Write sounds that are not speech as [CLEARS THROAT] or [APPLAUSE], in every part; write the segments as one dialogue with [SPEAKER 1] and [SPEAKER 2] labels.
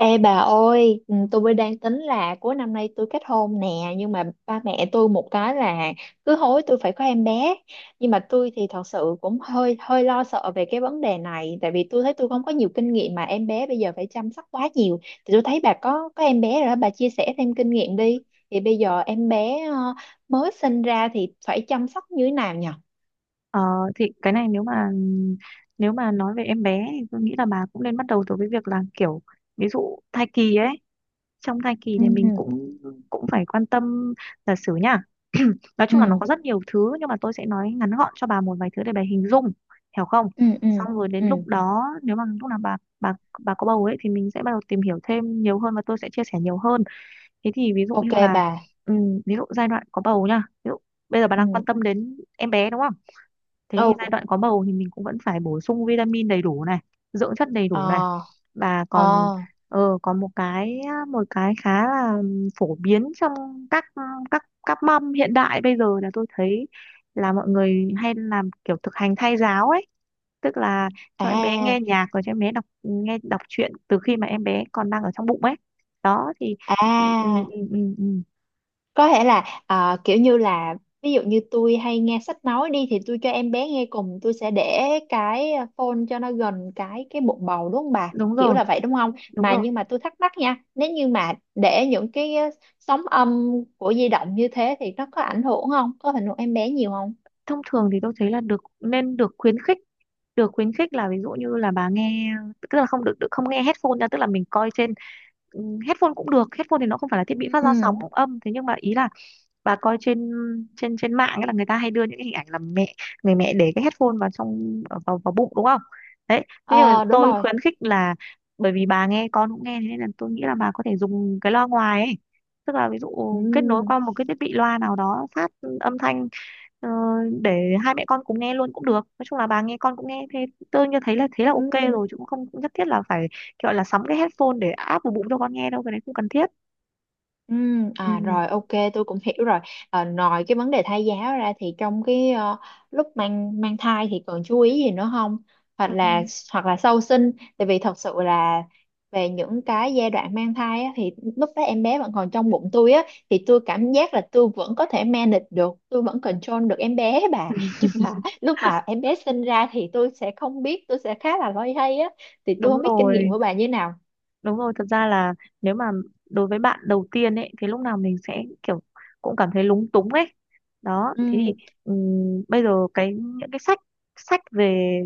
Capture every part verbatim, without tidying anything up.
[SPEAKER 1] Ê bà ơi, ừ, tôi mới đang tính là cuối năm nay tôi kết hôn nè, nhưng mà ba mẹ tôi một cái là cứ hối tôi phải có em bé. Nhưng mà tôi thì thật sự cũng hơi hơi lo sợ về cái vấn đề này, tại vì tôi thấy tôi không có nhiều kinh nghiệm mà em bé bây giờ phải chăm sóc quá nhiều. Thì tôi thấy bà có có em bé rồi, đó, bà chia sẻ thêm kinh nghiệm đi. Thì bây giờ em bé ờ, mới sinh ra thì phải chăm sóc như thế nào nhỉ?
[SPEAKER 2] Ờ, thì cái này nếu mà nếu mà nói về em bé thì tôi nghĩ là bà cũng nên bắt đầu từ cái việc là kiểu ví dụ thai kỳ ấy. Trong thai kỳ
[SPEAKER 1] Ừ,
[SPEAKER 2] thì mình cũng cũng phải quan tâm là xử nhá. [CLEARS THROAT] Nói chung là nó
[SPEAKER 1] ừ,
[SPEAKER 2] có rất nhiều thứ nhưng mà tôi sẽ nói ngắn gọn cho bà một vài thứ để bà hình dung, hiểu không.
[SPEAKER 1] ừ, ừ,
[SPEAKER 2] Xong rồi đến
[SPEAKER 1] ừ,
[SPEAKER 2] lúc đó nếu mà lúc nào bà bà bà có bầu ấy thì mình sẽ bắt đầu tìm hiểu thêm nhiều hơn và tôi sẽ chia sẻ nhiều hơn. Thế thì ví dụ như
[SPEAKER 1] ok
[SPEAKER 2] là
[SPEAKER 1] bà.
[SPEAKER 2] ừm, ví dụ giai đoạn có bầu nha, ví dụ bây giờ bà
[SPEAKER 1] Ừ,
[SPEAKER 2] đang quan tâm đến em bé đúng không. Thế
[SPEAKER 1] ừ,
[SPEAKER 2] thì giai đoạn có bầu thì mình cũng vẫn phải bổ sung vitamin đầy đủ này, dưỡng chất đầy đủ này,
[SPEAKER 1] ờ,
[SPEAKER 2] và còn
[SPEAKER 1] ờ.
[SPEAKER 2] ờ, còn một cái, một cái khá là phổ biến trong các các các mâm hiện đại bây giờ là tôi thấy là mọi người hay làm kiểu thực hành thai giáo ấy. Tức là cho em bé
[SPEAKER 1] À,
[SPEAKER 2] nghe nhạc rồi cho em bé đọc nghe đọc truyện từ khi mà em bé còn đang ở trong bụng ấy đó. Thì ừ, ừ,
[SPEAKER 1] à,
[SPEAKER 2] ừ, ừ, ừ,
[SPEAKER 1] có thể là ờ, kiểu như là ví dụ như tôi hay nghe sách nói đi thì tôi cho em bé nghe cùng tôi sẽ để cái ờ, phone cho nó gần cái cái bụng bầu đúng không bà?
[SPEAKER 2] đúng
[SPEAKER 1] Kiểu
[SPEAKER 2] rồi,
[SPEAKER 1] là vậy đúng không?
[SPEAKER 2] đúng
[SPEAKER 1] Mà
[SPEAKER 2] rồi.
[SPEAKER 1] nhưng mà tôi thắc mắc nha, nếu như mà để những cái ờ, sóng âm của di động như thế thì nó có ảnh hưởng không? Có ảnh hưởng em bé nhiều không?
[SPEAKER 2] Thông thường thì tôi thấy là được, nên được khuyến khích, được khuyến khích là ví dụ như là bà nghe, tức là không được, được không nghe headphone ra, tức là mình coi trên ừm, headphone cũng được. Headphone thì nó không phải là thiết bị
[SPEAKER 1] Ừ,
[SPEAKER 2] phát ra sóng âm, thế nhưng mà ý là bà coi trên trên trên mạng ấy là người ta hay đưa những cái hình ảnh là mẹ, người mẹ để cái headphone vào trong ở vào vào bụng đúng không. Đấy, thế nhưng mà
[SPEAKER 1] ờ đúng
[SPEAKER 2] tôi
[SPEAKER 1] rồi.
[SPEAKER 2] khuyến khích là bởi vì bà nghe con cũng nghe, thế nên là tôi nghĩ là bà có thể dùng cái loa ngoài ấy. Tức là ví dụ
[SPEAKER 1] Ừ.
[SPEAKER 2] kết nối qua một cái thiết bị loa nào đó phát âm thanh Ờ, để hai mẹ con cùng nghe luôn cũng được. Nói chung là bà nghe con cũng nghe, thế tôi như thấy là thế là ok
[SPEAKER 1] Ừ.
[SPEAKER 2] rồi, chứ cũng không cũng nhất thiết là phải kiểu gọi là sắm cái headphone để áp vào bụng cho con nghe đâu, cái này không cần thiết.
[SPEAKER 1] Ừ,
[SPEAKER 2] Ừ,
[SPEAKER 1] à rồi ok, tôi cũng hiểu rồi. À, ngoài cái vấn đề thai giáo ra thì trong cái ờ, lúc mang mang thai thì còn chú ý gì nữa không, hoặc là hoặc là sau sinh, tại vì thật sự là về những cái giai đoạn mang thai á, thì lúc đó em bé vẫn còn trong bụng tôi á, thì tôi cảm giác là tôi vẫn có thể manage được, tôi vẫn control được em bé bà [LAUGHS] nhưng mà lúc mà em bé sinh ra thì tôi sẽ không biết, tôi sẽ khá là loay hoay á, thì tôi
[SPEAKER 2] đúng
[SPEAKER 1] không biết kinh nghiệm
[SPEAKER 2] rồi.
[SPEAKER 1] của bà như thế nào.
[SPEAKER 2] Đúng rồi, thật ra là nếu mà đối với bạn đầu tiên ấy thì lúc nào mình sẽ kiểu cũng cảm thấy lúng túng ấy. Đó,
[SPEAKER 1] Ừ,
[SPEAKER 2] thế thì ừm, bây giờ cái những cái sách, sách về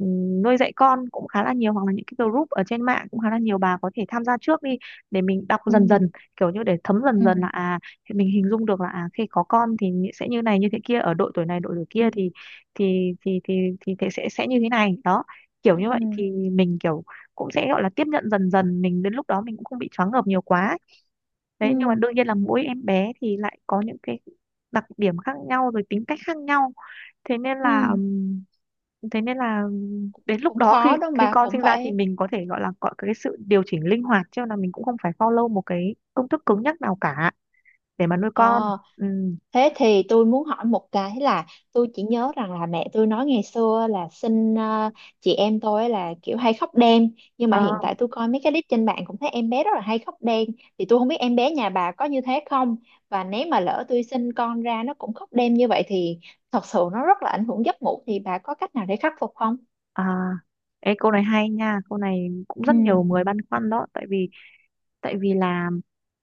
[SPEAKER 2] ừm, nuôi dạy con cũng khá là nhiều, hoặc là những cái group ở trên mạng cũng khá là nhiều, bà có thể tham gia trước đi để mình đọc
[SPEAKER 1] ừ,
[SPEAKER 2] dần dần, kiểu như để thấm dần
[SPEAKER 1] ừ,
[SPEAKER 2] dần, là à thì mình hình dung được là à khi có con thì sẽ như này như thế kia, ở độ tuổi này độ tuổi kia
[SPEAKER 1] ừ.
[SPEAKER 2] thì thì thì thì thì, thì sẽ sẽ như thế này. Đó, kiểu
[SPEAKER 1] Ừ.
[SPEAKER 2] như vậy thì mình kiểu cũng sẽ gọi là tiếp nhận dần dần, mình đến lúc đó mình cũng không bị choáng ngợp nhiều quá ấy.
[SPEAKER 1] Ừ,
[SPEAKER 2] Đấy, nhưng mà đương nhiên là mỗi em bé thì lại có những cái đặc điểm khác nhau, rồi tính cách khác nhau, thế nên
[SPEAKER 1] ừ,
[SPEAKER 2] là ừm, thế nên là ừm, đến lúc
[SPEAKER 1] cũng
[SPEAKER 2] đó khi
[SPEAKER 1] khó đó
[SPEAKER 2] khi
[SPEAKER 1] bà,
[SPEAKER 2] con sinh
[SPEAKER 1] cũng
[SPEAKER 2] ra thì
[SPEAKER 1] phải.
[SPEAKER 2] mình có thể gọi là có cái sự điều chỉnh linh hoạt chứ là mình cũng không phải follow một cái công thức cứng nhắc nào cả để mà nuôi con.
[SPEAKER 1] Ờ,
[SPEAKER 2] Ừm,
[SPEAKER 1] thế thì tôi muốn hỏi một cái là tôi chỉ nhớ rằng là mẹ tôi nói ngày xưa là sinh ờ, chị em tôi là kiểu hay khóc đêm, nhưng mà
[SPEAKER 2] ờ,
[SPEAKER 1] hiện tại tôi coi mấy cái clip trên mạng cũng thấy em bé rất là hay khóc đêm, thì tôi không biết em bé nhà bà có như thế không, và nếu mà lỡ tôi sinh con ra nó cũng khóc đêm như vậy thì thật sự nó rất là ảnh hưởng giấc ngủ, thì bà có cách nào để khắc phục không?
[SPEAKER 2] à, Ê, câu này hay nha, câu này cũng
[SPEAKER 1] Ừ.
[SPEAKER 2] rất nhiều người băn khoăn đó. Tại vì tại vì là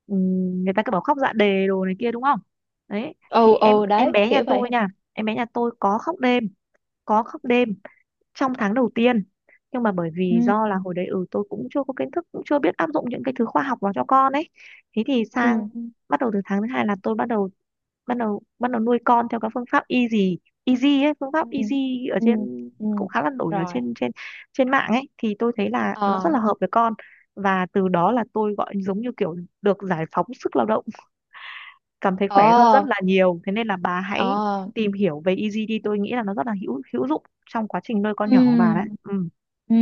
[SPEAKER 2] ừm, người ta cứ bảo khóc dạ đề đồ này kia đúng không. Đấy, thì
[SPEAKER 1] Ừ,
[SPEAKER 2] em
[SPEAKER 1] ừ,
[SPEAKER 2] em
[SPEAKER 1] đấy
[SPEAKER 2] bé nhà
[SPEAKER 1] kiểu vậy.
[SPEAKER 2] tôi nha, em bé nhà tôi có khóc đêm, có khóc đêm trong tháng đầu tiên. Nhưng mà bởi vì
[SPEAKER 1] Ừ,
[SPEAKER 2] do là hồi đấy ừ tôi cũng chưa có kiến thức, cũng chưa biết áp dụng những cái thứ khoa học vào cho con ấy. Thế thì sang,
[SPEAKER 1] ừ,
[SPEAKER 2] bắt đầu từ tháng thứ hai là tôi bắt đầu bắt đầu bắt đầu nuôi con theo các phương pháp easy. Easy ấy, phương pháp
[SPEAKER 1] ừ,
[SPEAKER 2] easy ở
[SPEAKER 1] ừ,
[SPEAKER 2] trên
[SPEAKER 1] ừ,
[SPEAKER 2] cũng khá là nổi ở
[SPEAKER 1] rồi,
[SPEAKER 2] trên trên trên mạng ấy, thì tôi thấy là nó rất
[SPEAKER 1] ờ,
[SPEAKER 2] là hợp với con. Và từ đó là tôi gọi giống như kiểu được giải phóng sức lao động, cảm thấy khỏe hơn rất
[SPEAKER 1] ờ,
[SPEAKER 2] là nhiều, thế nên là bà hãy
[SPEAKER 1] ờ,
[SPEAKER 2] tìm hiểu về easy đi, tôi nghĩ là nó rất là hữu hữu dụng trong quá trình nuôi con nhỏ của bà đấy.
[SPEAKER 1] ừ,
[SPEAKER 2] Ừ,
[SPEAKER 1] ừ,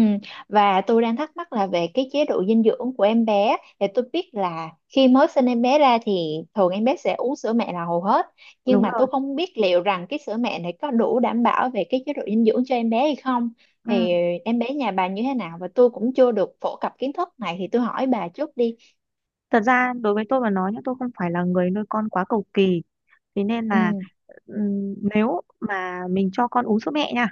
[SPEAKER 1] và tôi đang thắc mắc là về cái chế độ dinh dưỡng của em bé. Thì tôi biết là khi mới sinh em bé ra thì thường em bé sẽ uống sữa mẹ là hầu hết, nhưng
[SPEAKER 2] đúng
[SPEAKER 1] mà
[SPEAKER 2] rồi.
[SPEAKER 1] tôi không biết liệu rằng cái sữa mẹ này có đủ đảm bảo về cái chế độ dinh dưỡng cho em bé hay không, thì
[SPEAKER 2] Ừ.
[SPEAKER 1] em bé nhà bà như thế nào, và tôi cũng chưa được phổ cập kiến thức này thì tôi hỏi bà trước đi.
[SPEAKER 2] Thật ra đối với tôi mà nói nhá, tôi không phải là người nuôi con quá cầu kỳ, thế nên
[SPEAKER 1] Ừ,
[SPEAKER 2] là ừm, nếu mà mình cho con uống sữa mẹ nha,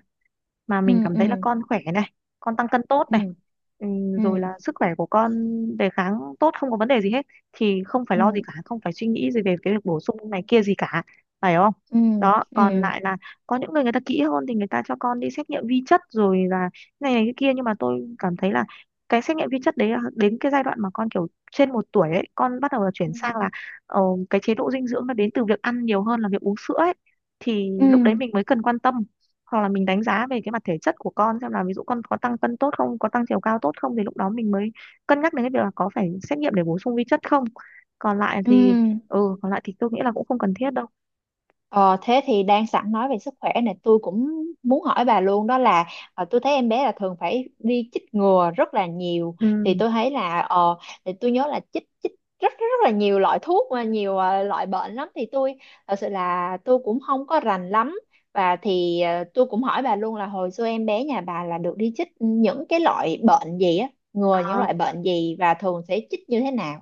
[SPEAKER 2] mà
[SPEAKER 1] ừ,
[SPEAKER 2] mình cảm
[SPEAKER 1] ừ,
[SPEAKER 2] thấy là con khỏe này, con tăng cân tốt này,
[SPEAKER 1] ừ,
[SPEAKER 2] ừ, rồi
[SPEAKER 1] ừ,
[SPEAKER 2] là sức khỏe của con, đề kháng tốt, không có vấn đề gì hết, thì không phải
[SPEAKER 1] ừ,
[SPEAKER 2] lo gì cả, không phải suy nghĩ gì về cái việc bổ sung này kia gì cả, phải không.
[SPEAKER 1] ừ,
[SPEAKER 2] Đó, còn
[SPEAKER 1] ừ,
[SPEAKER 2] lại là có những người người ta kỹ hơn thì người ta cho con đi xét nghiệm vi chất, rồi là này này cái kia. Nhưng mà tôi cảm thấy là cái xét nghiệm vi chất đấy là đến cái giai đoạn mà con kiểu trên một tuổi ấy, con bắt đầu là chuyển
[SPEAKER 1] ừ,
[SPEAKER 2] sang là ờ, cái chế độ dinh dưỡng nó đến từ việc ăn nhiều hơn là việc uống sữa ấy, thì lúc đấy
[SPEAKER 1] ừ,
[SPEAKER 2] mình mới cần quan tâm. Hoặc là mình đánh giá về cái mặt thể chất của con xem là ví dụ con có tăng cân tốt không, có tăng chiều cao tốt không, thì lúc đó mình mới cân nhắc đến cái việc là có phải xét nghiệm để bổ sung vi chất không. Còn lại
[SPEAKER 1] ừ.
[SPEAKER 2] thì ừ còn lại thì tôi nghĩ là cũng không cần thiết đâu.
[SPEAKER 1] Ờ, thế thì đang sẵn nói về sức khỏe này, tôi cũng muốn hỏi bà luôn đó là ờ, tôi thấy em bé là thường phải đi chích ngừa rất là nhiều. Thì
[SPEAKER 2] Ừ
[SPEAKER 1] tôi thấy là ờ, thì tôi nhớ là chích chích rất rất là nhiều loại thuốc và nhiều ờ, loại bệnh lắm, thì tôi thật sự là tôi cũng không có rành lắm, và thì ờ, tôi cũng hỏi bà luôn là hồi xưa em bé nhà bà là được đi chích những cái loại bệnh gì á, ngừa những
[SPEAKER 2] à,
[SPEAKER 1] loại bệnh gì và thường sẽ chích như thế nào.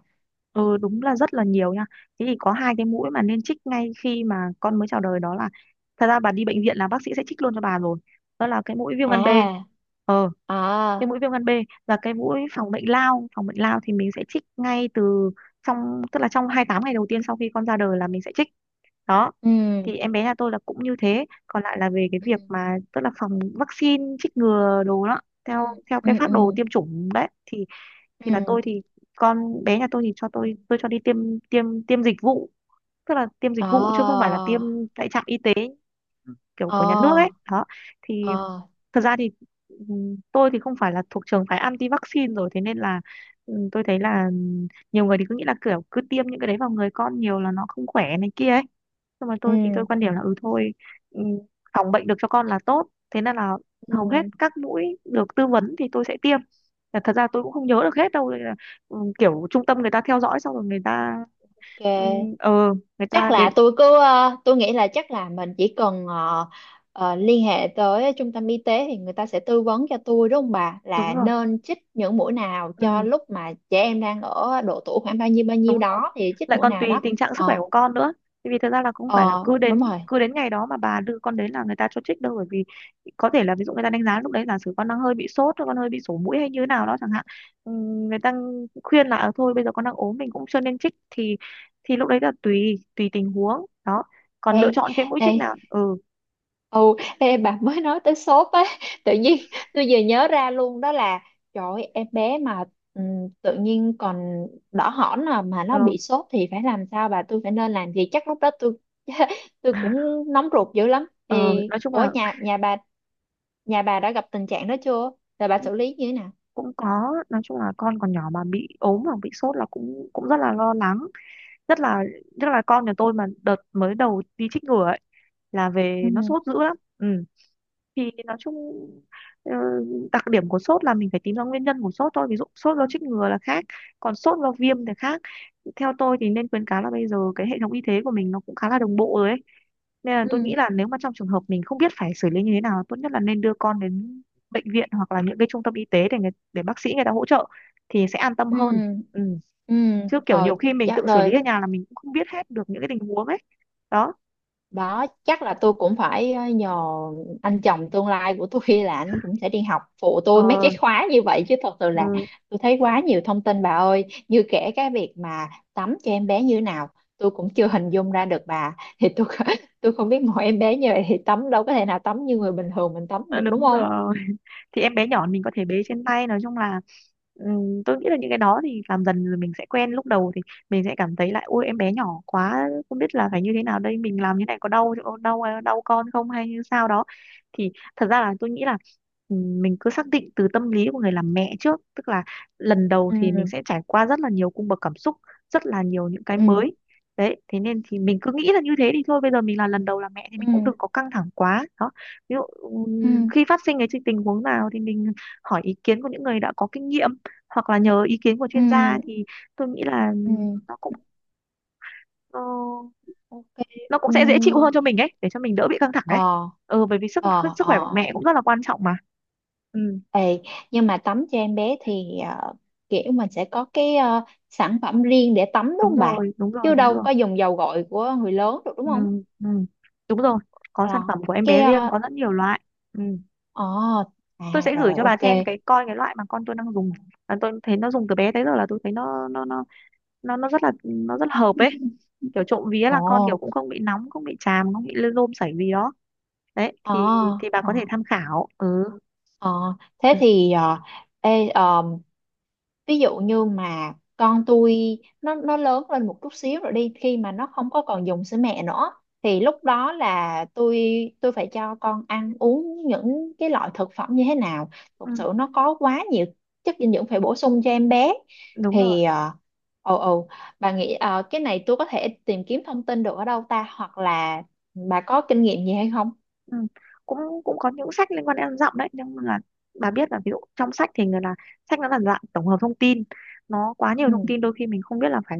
[SPEAKER 2] ừ đúng là rất là nhiều nha. Thế thì có hai cái mũi mà nên chích ngay khi mà con mới chào đời, đó là, thật ra bà đi bệnh viện là bác sĩ sẽ chích luôn cho bà rồi, đó là cái mũi viêm gan B.
[SPEAKER 1] À,
[SPEAKER 2] Ờ, cái
[SPEAKER 1] à,
[SPEAKER 2] mũi viêm gan B và cái mũi phòng bệnh lao. Phòng bệnh lao thì mình sẽ trích ngay từ trong, tức là trong hai mươi tám ngày đầu tiên sau khi con ra đời là mình sẽ trích. Đó,
[SPEAKER 1] ừ,
[SPEAKER 2] thì em bé nhà tôi là cũng như thế. Còn lại là về cái việc mà tức là phòng vaccine chích ngừa đồ đó,
[SPEAKER 1] ừ,
[SPEAKER 2] theo theo
[SPEAKER 1] ừ,
[SPEAKER 2] cái phác
[SPEAKER 1] ừ,
[SPEAKER 2] đồ tiêm chủng đấy thì thì là
[SPEAKER 1] ừ,
[SPEAKER 2] tôi thì con bé nhà tôi thì cho tôi tôi cho đi tiêm, tiêm tiêm dịch vụ, tức là tiêm dịch
[SPEAKER 1] ờ,
[SPEAKER 2] vụ chứ không phải là tiêm tại trạm y tế kiểu của nhà nước ấy
[SPEAKER 1] ờ,
[SPEAKER 2] đó thì.
[SPEAKER 1] ờ,
[SPEAKER 2] Thật ra thì ừm, tôi thì không phải là thuộc trường phái anti-vaccine rồi, thế nên là ừm, tôi thấy là ừm, nhiều người thì cứ nghĩ là kiểu cứ tiêm những cái đấy vào người con nhiều là nó không khỏe này kia ấy. Nhưng mà
[SPEAKER 1] ừ,
[SPEAKER 2] tôi thì tôi quan điểm là ừ thôi, ừm, phòng bệnh được cho con là tốt, thế nên là hầu hết
[SPEAKER 1] ừ.
[SPEAKER 2] các mũi được tư vấn thì tôi sẽ tiêm. Và thật ra tôi cũng không nhớ được hết đâu nên là, ừm, kiểu trung tâm người ta theo dõi xong rồi người ta
[SPEAKER 1] Ok,
[SPEAKER 2] ừm, ờ người ta
[SPEAKER 1] chắc là
[SPEAKER 2] đến.
[SPEAKER 1] tôi cứ ờ, tôi nghĩ là chắc là mình chỉ cần ờ, ờ, liên hệ tới trung tâm y tế thì người ta sẽ tư vấn cho tôi đúng không bà,
[SPEAKER 2] Đúng
[SPEAKER 1] là
[SPEAKER 2] rồi,
[SPEAKER 1] nên chích những mũi nào cho lúc mà trẻ em đang ở độ tuổi khoảng bao nhiêu bao
[SPEAKER 2] đúng
[SPEAKER 1] nhiêu
[SPEAKER 2] rồi,
[SPEAKER 1] đó thì chích
[SPEAKER 2] lại
[SPEAKER 1] mũi
[SPEAKER 2] còn
[SPEAKER 1] nào
[SPEAKER 2] tùy
[SPEAKER 1] đó.
[SPEAKER 2] tình trạng sức khỏe
[SPEAKER 1] Ờ,
[SPEAKER 2] của con nữa. Tại vì thật ra là cũng phải là
[SPEAKER 1] ờ,
[SPEAKER 2] cứ đến
[SPEAKER 1] đúng rồi.
[SPEAKER 2] cứ đến ngày đó mà bà đưa con đến là người ta cho trích đâu, bởi vì có thể là ví dụ người ta đánh giá lúc đấy giả sử con đang hơi bị sốt hoặc con hơi bị sổ mũi hay như thế nào đó chẳng hạn. Ừm, người ta khuyên là "Ờ, thôi bây giờ con đang ốm mình cũng chưa nên trích", thì thì lúc đấy là tùy tùy tình huống đó, còn
[SPEAKER 1] Ê,
[SPEAKER 2] lựa chọn cái mũi
[SPEAKER 1] ê,
[SPEAKER 2] trích nào ừ
[SPEAKER 1] ồ, ê bà mới nói tới sốt á, tự nhiên tôi vừa nhớ ra luôn đó là trời ơi, em bé mà ừm, tự nhiên còn đỏ hỏn à, mà nó
[SPEAKER 2] ờ.
[SPEAKER 1] bị sốt thì phải làm sao bà, tôi phải nên làm gì, chắc lúc đó tôi [LAUGHS] tôi
[SPEAKER 2] [LAUGHS]
[SPEAKER 1] cũng nóng ruột dữ lắm.
[SPEAKER 2] ờ,
[SPEAKER 1] Thì
[SPEAKER 2] nói chung
[SPEAKER 1] ủa
[SPEAKER 2] là
[SPEAKER 1] nhà nhà bà nhà bà đã gặp tình trạng đó chưa, rồi bà
[SPEAKER 2] cũng
[SPEAKER 1] xử lý như thế nào?
[SPEAKER 2] cũng có, nói chung là con còn nhỏ mà bị ốm hoặc bị sốt là cũng cũng rất là lo lắng, nhất là, nhất là con nhà tôi mà đợt mới đầu đi chích ngừa ấy là
[SPEAKER 1] Ừ.
[SPEAKER 2] về nó sốt dữ lắm ừ. Thì nói chung ờ, đặc điểm của sốt là mình phải tìm ra nguyên nhân của sốt thôi. Ví dụ sốt do chích ngừa là khác, còn sốt do viêm thì khác. Theo tôi thì nên khuyến cáo là bây giờ cái hệ thống y tế của mình nó cũng khá là đồng bộ rồi ấy, nên là
[SPEAKER 1] Ừ,
[SPEAKER 2] tôi nghĩ là nếu mà trong trường hợp mình không biết phải xử lý như thế nào, tốt nhất là nên đưa con đến bệnh viện hoặc là những cái trung tâm y tế để người, để bác sĩ người ta hỗ trợ thì sẽ an tâm
[SPEAKER 1] ừ,
[SPEAKER 2] hơn. Ừ,
[SPEAKER 1] ừ,
[SPEAKER 2] chứ kiểu
[SPEAKER 1] ờ,
[SPEAKER 2] nhiều khi mình tự
[SPEAKER 1] chắc
[SPEAKER 2] xử lý
[SPEAKER 1] rồi.
[SPEAKER 2] ở nhà là mình cũng không biết hết được những cái tình huống ấy. Đó.
[SPEAKER 1] Đó, chắc là tôi cũng phải ờ, nhờ anh chồng tương lai của tôi [LAUGHS] là anh cũng sẽ đi học phụ tôi mấy
[SPEAKER 2] Ờ.
[SPEAKER 1] cái khóa như vậy, chứ thật sự là
[SPEAKER 2] Ừ.
[SPEAKER 1] tôi thấy quá nhiều thông tin bà ơi, như kể cái việc mà tắm cho em bé như thế nào tôi cũng chưa hình dung ra được bà, thì tôi [LAUGHS] tôi không biết mỗi em bé như vậy thì tắm đâu có thể nào tắm như người bình thường mình tắm
[SPEAKER 2] Ờ,
[SPEAKER 1] được đúng
[SPEAKER 2] đúng
[SPEAKER 1] không.
[SPEAKER 2] rồi. [LAUGHS] thì em bé nhỏ mình có thể bế trên tay, nói chung là ừm, tôi nghĩ là những cái đó thì làm dần rồi mình sẽ quen. Lúc đầu thì mình sẽ cảm thấy lại ôi em bé nhỏ quá không biết là phải như thế nào đây, mình làm như này có đau đau đau con không hay như sao đó. Thì thật ra là tôi nghĩ là ừm, mình cứ xác định từ tâm lý của người làm mẹ trước, tức là lần đầu thì mình
[SPEAKER 1] Ừ,
[SPEAKER 2] sẽ trải qua rất là nhiều cung bậc cảm xúc, rất là nhiều những cái
[SPEAKER 1] ừ,
[SPEAKER 2] mới. Đấy, thế nên thì mình cứ nghĩ là như thế, thì thôi bây giờ mình là lần đầu làm mẹ thì
[SPEAKER 1] ừ,
[SPEAKER 2] mình cũng đừng có căng thẳng quá. Đó, ví dụ ừm,
[SPEAKER 1] ừ,
[SPEAKER 2] khi phát sinh cái chi- tình huống nào thì mình hỏi ý kiến của những người đã có kinh nghiệm, hoặc là nhờ ý kiến của
[SPEAKER 1] ừ,
[SPEAKER 2] chuyên gia thì tôi nghĩ là
[SPEAKER 1] ừ,
[SPEAKER 2] nó cũng ờ,
[SPEAKER 1] ok,
[SPEAKER 2] nó cũng
[SPEAKER 1] ừ.
[SPEAKER 2] sẽ dễ chịu hơn cho mình ấy, để cho mình đỡ bị căng thẳng ấy.
[SPEAKER 1] Ờ,
[SPEAKER 2] Ừ, bởi vì sức
[SPEAKER 1] ờ,
[SPEAKER 2] sức
[SPEAKER 1] ờ.
[SPEAKER 2] khỏe của mẹ cũng rất là quan trọng mà. Ừ,
[SPEAKER 1] Ê, nhưng mà tắm cho em bé thì ờ, kiểu mình sẽ có cái ờ, sản phẩm riêng để tắm đúng
[SPEAKER 2] đúng
[SPEAKER 1] không bà?
[SPEAKER 2] rồi, đúng rồi,
[SPEAKER 1] Chứ
[SPEAKER 2] đúng
[SPEAKER 1] đâu
[SPEAKER 2] rồi.
[SPEAKER 1] có dùng dầu gội của người lớn được đúng
[SPEAKER 2] Ừ,
[SPEAKER 1] không?
[SPEAKER 2] ừ. Đúng rồi, có sản
[SPEAKER 1] Ờ,
[SPEAKER 2] phẩm của em
[SPEAKER 1] cái
[SPEAKER 2] bé riêng,
[SPEAKER 1] ờ,
[SPEAKER 2] có rất nhiều loại. Ừ.
[SPEAKER 1] ờ, à
[SPEAKER 2] Tôi sẽ gửi
[SPEAKER 1] rồi
[SPEAKER 2] cho bà
[SPEAKER 1] ok.
[SPEAKER 2] xem cái, coi cái loại mà con tôi đang dùng. À, tôi thấy nó dùng từ bé tới giờ là tôi thấy nó nó nó nó nó rất là nó rất là hợp ấy, kiểu trộm vía là con
[SPEAKER 1] Ồ,
[SPEAKER 2] kiểu cũng không bị nóng, không bị chàm, không bị lôm sẩy gì đó. Đấy
[SPEAKER 1] ờ,
[SPEAKER 2] thì thì bà
[SPEAKER 1] ờ,
[SPEAKER 2] có thể tham khảo. Ừ,
[SPEAKER 1] ờ. Thế
[SPEAKER 2] ừ.
[SPEAKER 1] thì ờ, ê, ờ, ví dụ như mà con tôi nó nó lớn lên một chút xíu rồi đi, khi mà nó không có còn dùng sữa mẹ nữa thì lúc đó là tôi tôi phải cho con ăn uống những cái loại thực phẩm như thế nào,
[SPEAKER 2] Ừ,
[SPEAKER 1] thực sự nó có quá nhiều chất dinh dưỡng phải bổ sung cho em bé,
[SPEAKER 2] đúng rồi.
[SPEAKER 1] thì ờ, ồ, ồ, bà nghĩ ờ, cái này tôi có thể tìm kiếm thông tin được ở đâu ta, hoặc là bà có kinh nghiệm gì hay không?
[SPEAKER 2] Ừ. cũng Cũng có những sách liên quan đến ăn dặm đấy, nhưng mà bà biết là ví dụ trong sách thì người là sách nó là dạng tổng hợp thông tin, nó quá nhiều
[SPEAKER 1] Ừ,
[SPEAKER 2] thông tin, đôi khi mình không biết là phải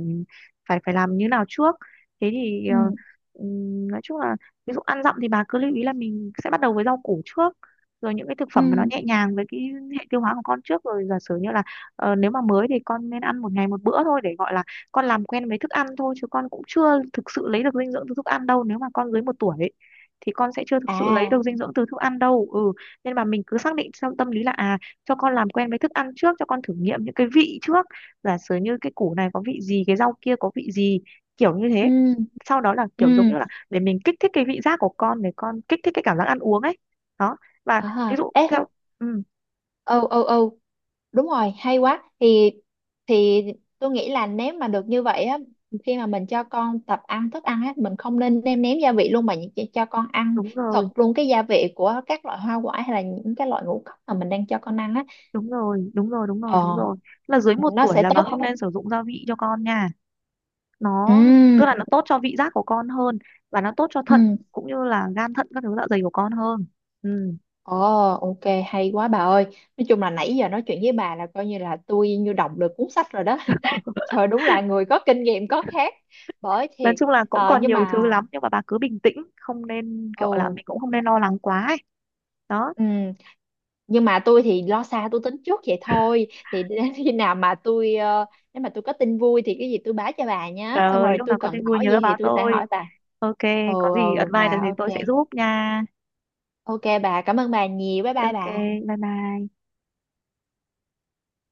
[SPEAKER 2] phải phải làm như nào trước. Thế thì ờ,
[SPEAKER 1] ừ,
[SPEAKER 2] ừm, nói chung là ví dụ ăn dặm thì bà cứ lưu ý là mình sẽ bắt đầu với rau củ trước, rồi những cái thực
[SPEAKER 1] ừ,
[SPEAKER 2] phẩm mà nó nhẹ nhàng với cái hệ tiêu hóa của con trước. Rồi giả sử như là ờ, nếu mà mới thì con nên ăn một ngày một bữa thôi, để gọi là con làm quen với thức ăn thôi, chứ con cũng chưa thực sự lấy được dinh dưỡng từ thức ăn đâu. Nếu mà con dưới một tuổi thì con sẽ chưa thực sự lấy
[SPEAKER 1] à,
[SPEAKER 2] được dinh dưỡng từ thức ăn đâu. Ừ, nên mà mình cứ xác định trong tâm lý là à, cho con làm quen với thức ăn trước, cho con thử nghiệm những cái vị trước, giả sử như cái củ này có vị gì, cái rau kia có vị gì, kiểu như thế.
[SPEAKER 1] ừ,
[SPEAKER 2] Sau đó là kiểu giống như
[SPEAKER 1] ừ,
[SPEAKER 2] là để mình kích thích cái vị giác của con, để con kích thích cái cảm giác ăn uống ấy. Đó. Và
[SPEAKER 1] à,
[SPEAKER 2] ví dụ
[SPEAKER 1] ê,
[SPEAKER 2] theo. Ừ,
[SPEAKER 1] ừ, ừ, ừ, đúng rồi, hay quá. thì thì tôi nghĩ là nếu mà được như vậy á, khi mà mình cho con tập ăn thức ăn á, mình không nên nêm nếm gia vị luôn, mà chỉ cho con ăn
[SPEAKER 2] đúng
[SPEAKER 1] thật
[SPEAKER 2] rồi,
[SPEAKER 1] luôn cái gia vị của các loại hoa quả hay là những cái loại ngũ cốc mà mình đang cho con ăn á.
[SPEAKER 2] đúng rồi, đúng rồi, đúng rồi, đúng
[SPEAKER 1] Ờ,
[SPEAKER 2] rồi, là dưới một
[SPEAKER 1] nó
[SPEAKER 2] tuổi
[SPEAKER 1] sẽ
[SPEAKER 2] là bà không
[SPEAKER 1] tốt.
[SPEAKER 2] nên sử dụng gia vị cho con nha. Nó tức là
[SPEAKER 1] Ừ,
[SPEAKER 2] nó tốt cho vị giác của con hơn, và nó tốt cho thận
[SPEAKER 1] ừ,
[SPEAKER 2] cũng như là gan thận các thứ dạ dày của con hơn. Ừ.
[SPEAKER 1] ờ, ok, hay quá bà ơi, nói chung là nãy giờ nói chuyện với bà là coi như là tôi như đọc được cuốn sách rồi đó. [LAUGHS] Trời, đúng là người có kinh nghiệm có khác, bởi
[SPEAKER 2] Nói
[SPEAKER 1] thiệt.
[SPEAKER 2] chung là cũng
[SPEAKER 1] Ờ,
[SPEAKER 2] còn
[SPEAKER 1] nhưng
[SPEAKER 2] nhiều thứ
[SPEAKER 1] mà,
[SPEAKER 2] lắm nhưng mà bà cứ bình tĩnh, không nên kiểu là
[SPEAKER 1] ừ.
[SPEAKER 2] mình cũng không nên lo lắng quá ấy. Đó.
[SPEAKER 1] Ừ. Nhưng mà tôi thì lo xa tôi tính trước vậy thôi, thì [LAUGHS] đến khi nào mà tôi ờ, nếu mà tôi có tin vui thì cái gì tôi báo cho bà
[SPEAKER 2] Trời
[SPEAKER 1] nhé, xong
[SPEAKER 2] ơi,
[SPEAKER 1] rồi
[SPEAKER 2] lúc
[SPEAKER 1] tôi
[SPEAKER 2] nào có
[SPEAKER 1] cần
[SPEAKER 2] tin vui
[SPEAKER 1] hỏi gì
[SPEAKER 2] nhớ
[SPEAKER 1] thì
[SPEAKER 2] báo
[SPEAKER 1] tôi sẽ
[SPEAKER 2] tôi.
[SPEAKER 1] hỏi bà.
[SPEAKER 2] Ok,
[SPEAKER 1] Ừ,
[SPEAKER 2] có gì
[SPEAKER 1] ừ,
[SPEAKER 2] advice được
[SPEAKER 1] bà
[SPEAKER 2] thì tôi
[SPEAKER 1] ok.
[SPEAKER 2] sẽ giúp nha.
[SPEAKER 1] Ok bà, cảm ơn bà nhiều, bye bye
[SPEAKER 2] Ok,
[SPEAKER 1] bà.
[SPEAKER 2] bye bye.